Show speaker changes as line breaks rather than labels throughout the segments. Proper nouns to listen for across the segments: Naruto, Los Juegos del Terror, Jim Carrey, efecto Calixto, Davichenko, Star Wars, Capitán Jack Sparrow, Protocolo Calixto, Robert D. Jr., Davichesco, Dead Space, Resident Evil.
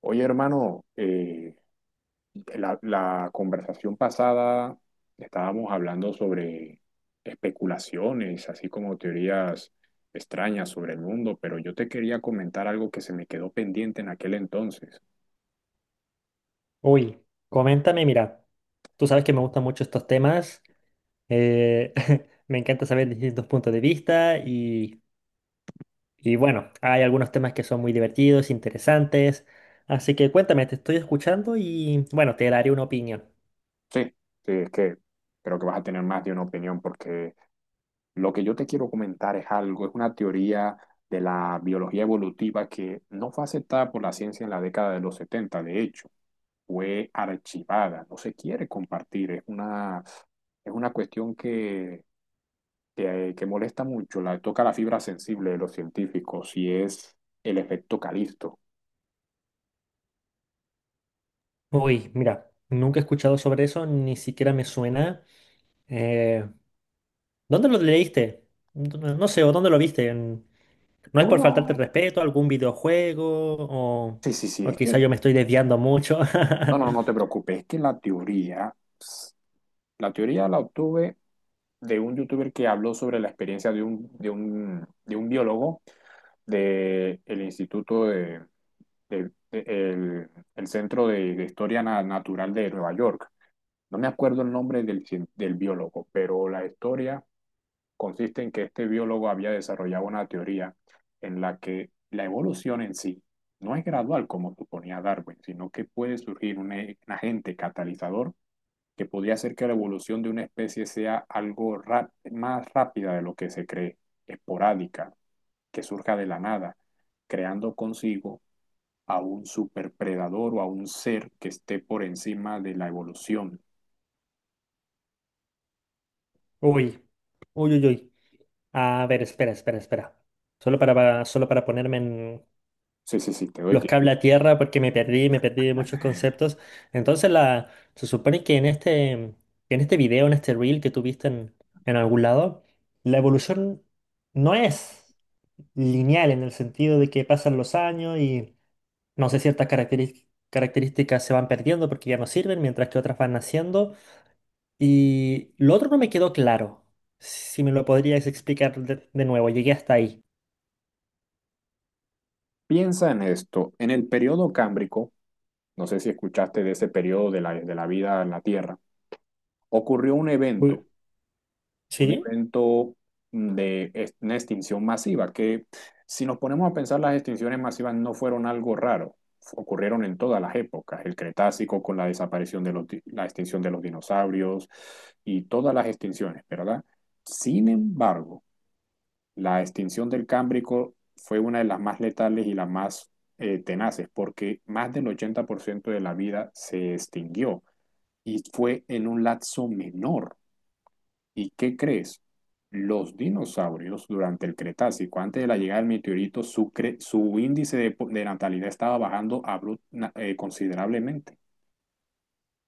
Oye, hermano, la conversación pasada estábamos hablando sobre especulaciones, así como teorías extrañas sobre el mundo, pero yo te quería comentar algo que se me quedó pendiente en aquel entonces.
Uy, coméntame, mira, tú sabes que me gustan mucho estos temas, eh, me encanta saber distintos puntos de vista y bueno, hay algunos temas que son muy divertidos, interesantes, así que cuéntame, te estoy escuchando y bueno, te daré una opinión.
Sí, sí, es que creo que vas a tener más de una opinión porque lo que yo te quiero comentar es algo, es una teoría de la biología evolutiva que no fue aceptada por la ciencia en la década de los 70, de hecho. Fue archivada, no se quiere compartir, es una cuestión que molesta mucho, toca la fibra sensible de los científicos y es el efecto Calisto.
Uy, mira, nunca he escuchado sobre eso, ni siquiera me suena. Eh, ¿Dónde lo leíste? No sé, o dónde lo viste. No
Tú
es
me
por faltarte
vas-
el respeto, ¿algún videojuego, o,
Sí, sí, sí,
o quizá yo me estoy desviando mucho?
no, no, no te preocupes, es que la teoría la obtuve de un youtuber que habló sobre la experiencia de un biólogo del Instituto de- de- el, el Centro de Historia Natural de Nueva York. No me acuerdo el nombre del biólogo, pero la historia consiste en que este biólogo había desarrollado una teoría en la que la evolución en sí no es gradual como suponía Darwin, sino que puede surgir un agente catalizador que podría hacer que la evolución de una especie sea algo más rápida de lo que se cree, esporádica, que surja de la nada, creando consigo a un superpredador o a un ser que esté por encima de la evolución.
Uy, uy, uy, uy. A ver, espera, espera, espera. Solo solo para ponerme
Sí, sí, sí, te doy
los cable a
tiempo.
tierra porque me perdí de muchos conceptos. Entonces la, Se supone que en este video, en este reel que tuviste en algún lado, la evolución no es lineal en el sentido de que pasan los años y no sé, ciertas características se van perdiendo porque ya no sirven, mientras que otras van naciendo. Y lo otro no me quedó claro. Si me lo podrías explicar de nuevo, llegué hasta ahí.
Piensa en esto, en el periodo Cámbrico, no sé si escuchaste de ese periodo de la vida en la Tierra, ocurrió un
Uy,
evento, un
¿sí?
evento mm, de ex- una extinción masiva, que si nos ponemos a pensar, las extinciones masivas no fueron algo raro, ocurrieron en todas las épocas, el Cretácico con la desaparición de la extinción de los dinosaurios y todas las extinciones, ¿verdad? Sin embargo, la extinción del Cámbrico fue una de las más letales y las más tenaces, porque más del 80% de la vida se extinguió y fue en un lapso menor. ¿Y qué crees? Los dinosaurios durante el Cretácico, antes de la llegada del meteorito, su índice de natalidad estaba bajando considerablemente.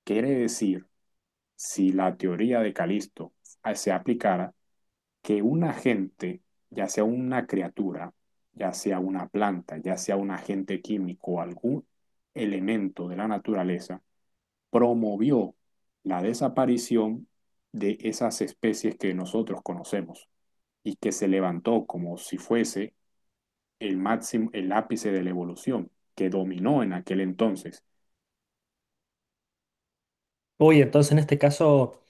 Quiere decir, si la teoría de Calisto se aplicara, que un agente, ya sea una criatura, ya sea una planta, ya sea un agente químico o algún elemento de la naturaleza, promovió la desaparición de esas especies que nosotros conocemos y que se levantó como si fuese el máximo, el ápice de la evolución que dominó en aquel entonces.
Uy, entonces en este caso...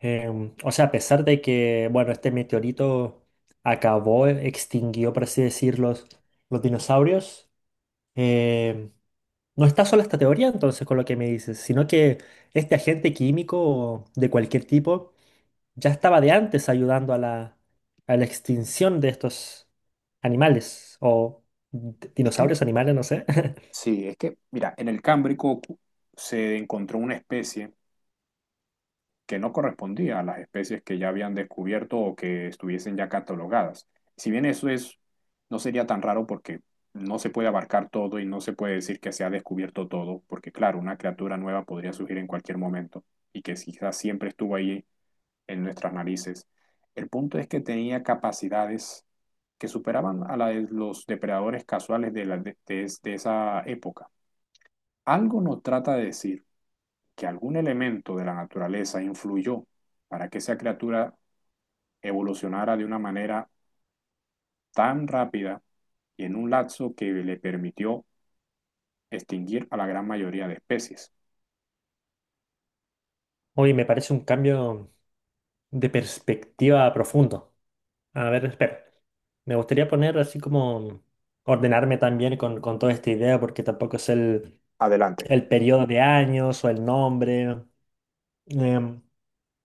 Em, o sea, a pesar de que, bueno, este meteorito acabó, extinguió, por así decirlo, los dinosaurios, em, no está sola esta teoría entonces con lo que me dices, sino que este agente químico de cualquier tipo ya estaba de antes ayudando a a la extinción de estos animales o
Es que,
dinosaurios, animales, no sé.
sí, es que, mira, en el Cámbrico se encontró una especie que no correspondía a las especies que ya habían descubierto o que estuviesen ya catalogadas. Si bien eso es, no sería tan raro porque no se puede abarcar todo y no se puede decir que se ha descubierto todo, porque claro, una criatura nueva podría surgir en cualquier momento y que quizás siempre estuvo ahí en nuestras narices. El punto es que tenía capacidades que superaban a la de los depredadores casuales de, la, de esa época. Algo nos trata de decir que algún elemento de la naturaleza influyó para que esa criatura evolucionara de una manera tan rápida y en un lapso que le permitió extinguir a la gran mayoría de especies.
Oye, me parece un cambio de perspectiva profundo. A ver, espera. Me gustaría poner así como ordenarme también con toda esta idea porque tampoco es
Adelante.
el periodo de años o el nombre. Em,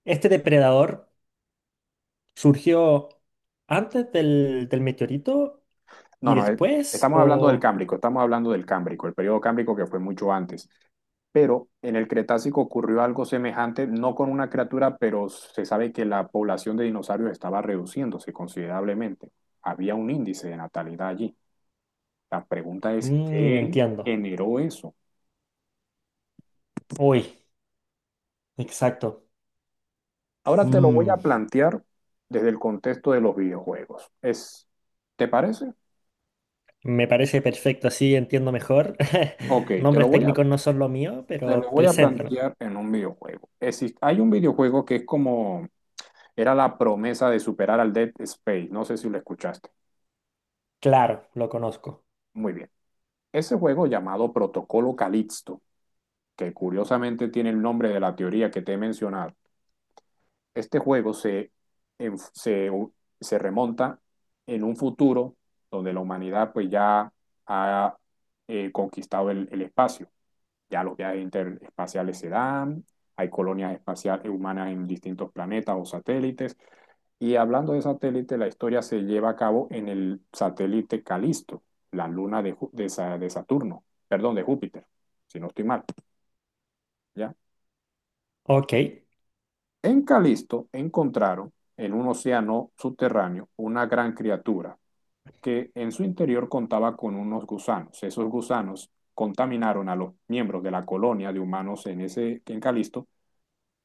este depredador surgió antes del meteorito y
No, no,
después
estamos hablando del
o...
Cámbrico, estamos hablando del Cámbrico, el periodo Cámbrico que fue mucho antes. Pero en el Cretácico ocurrió algo semejante, no con una criatura, pero se sabe que la población de dinosaurios estaba reduciéndose considerablemente. Había un índice de natalidad allí. La pregunta es,
Mm,
¿qué
entiendo.
generó eso?
Uy, exacto.
Ahora te lo voy
Mm,
a plantear desde el contexto de los videojuegos. ¿Te parece?
me parece perfecto, así entiendo mejor.
Ok, te lo
Nombres
voy a,
técnicos no son lo mío,
te lo
pero
voy a
preséntame.
plantear en un videojuego. Hay un videojuego que es como, era la promesa de superar al Dead Space. No sé si lo escuchaste.
Claro, lo conozco.
Muy bien. Ese juego llamado Protocolo Calixto, que curiosamente tiene el nombre de la teoría que te he mencionado, este juego en- se, se remonta en un futuro donde la humanidad pues ya ha conquistado el espacio. Ya los viajes interespaciales se dan, hay colonias espaciales humanas en distintos planetas o satélites. Y hablando de satélite, la historia se lleva a cabo en el satélite Calisto, la luna de Saturno, perdón, de Júpiter, si no estoy mal, ¿ya?
Ok,
En Calisto encontraron, en un océano subterráneo, una gran criatura que en su interior contaba con unos gusanos. Esos gusanos contaminaron a los miembros de la colonia de humanos en Calisto,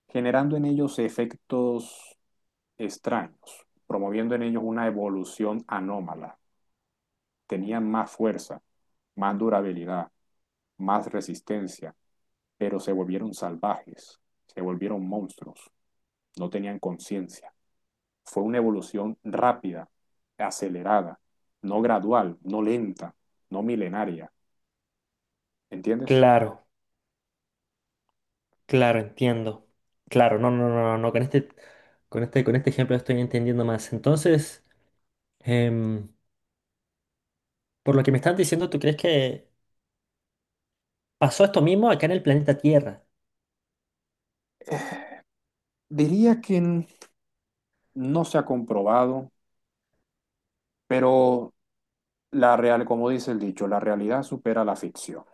generando en ellos efectos extraños, promoviendo en ellos una evolución anómala. Tenían más fuerza, más durabilidad, más resistencia, pero se volvieron salvajes, se volvieron monstruos, no tenían conciencia. Fue una evolución rápida, acelerada, no gradual, no lenta, no milenaria, ¿entiendes?
claro. Claro, entiendo. Claro, no, no, no, no, no, con con este ejemplo estoy entendiendo más. Entonces, em, por lo que me estás diciendo, ¿tú crees que pasó esto mismo acá en el planeta Tierra?
Diría que no se ha comprobado, pero como dice el dicho, la realidad supera la ficción.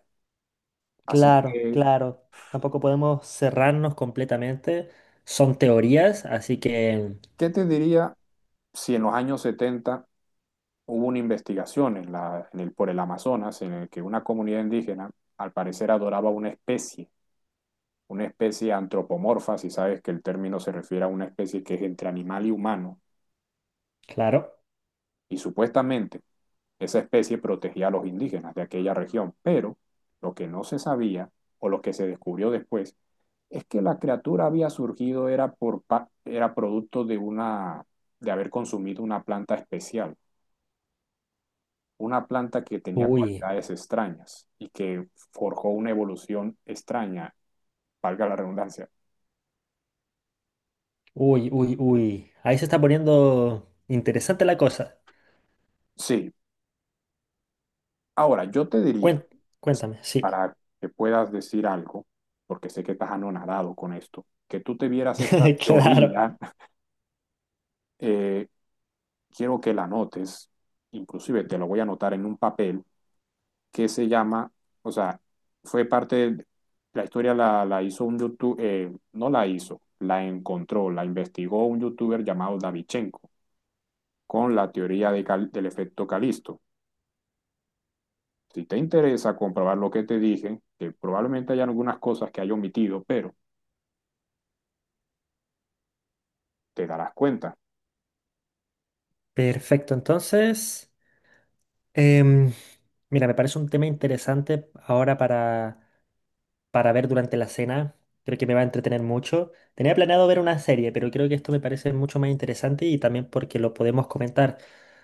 Así
Claro,
que,
claro. Tampoco podemos cerrarnos completamente. Son teorías, así que,
¿qué te diría si en los años setenta hubo una investigación en la, en el, por el Amazonas en el que una comunidad indígena al parecer adoraba una especie antropomorfa, si sabes que el término se refiere a una especie que es entre animal y humano,
claro.
y supuestamente esa especie protegía a los indígenas de aquella región, pero lo que no se sabía o lo que se descubrió después es que la criatura había surgido era, por, era producto de, una, de haber consumido una planta especial, una planta que tenía
Uy,
cualidades extrañas y que forjó una evolución extraña, valga la redundancia.
uy, uy, uy. Ahí se está poniendo interesante la cosa.
Sí, ahora yo te diría,
Cuen- Cuéntame, sí.
para que puedas decir algo, porque sé que estás anonadado con esto, que tú te vieras esta
Claro.
teoría, eh, quiero que la anotes, inclusive te lo voy a anotar en un papel que se llama, o sea, fue parte de la historia la hizo un youtuber, no la hizo, la encontró, la investigó un youtuber llamado Davichenko con la teoría de del efecto Calisto. Si te interesa comprobar lo que te dije, que probablemente haya algunas cosas que haya omitido, pero te darás cuenta.
Perfecto, entonces. Em, mira, me parece un tema interesante ahora para ver durante la cena. Creo que me va a entretener mucho. Tenía planeado ver una serie, pero creo que esto me parece mucho más interesante y también porque lo podemos comentar.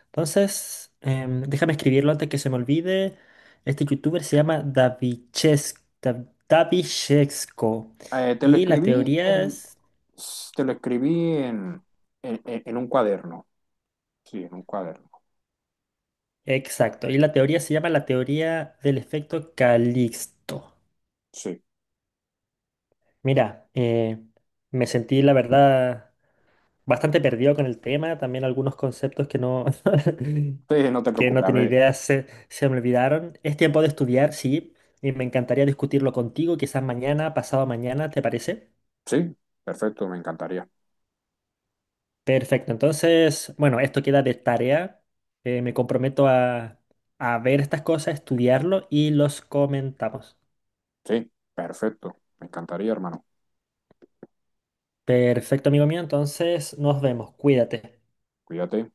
Entonces, em, déjame escribirlo antes que se me olvide. Este youtuber se llama Davichesco.
Te lo
Y la
escribí
teoría
en,
es...
te lo escribí en, en un cuaderno. Sí, en un cuaderno.
Exacto. Y la teoría se llama la teoría del efecto Calixto.
Sí,
Mira, me sentí, la verdad, bastante perdido con el tema. También algunos conceptos que no,
sí, no te
que
preocupes.
no
A
tenía
ver,
idea se me olvidaron. Es tiempo de estudiar, sí, y me encantaría discutirlo contigo, quizás mañana, pasado mañana, ¿te parece?
sí, perfecto, me encantaría.
Perfecto, entonces, bueno, esto queda de tarea. Me comprometo a ver estas cosas, estudiarlo y los comentamos.
Sí, perfecto, me encantaría, hermano.
Perfecto, amigo mío, entonces nos vemos, cuídate.
Cuídate.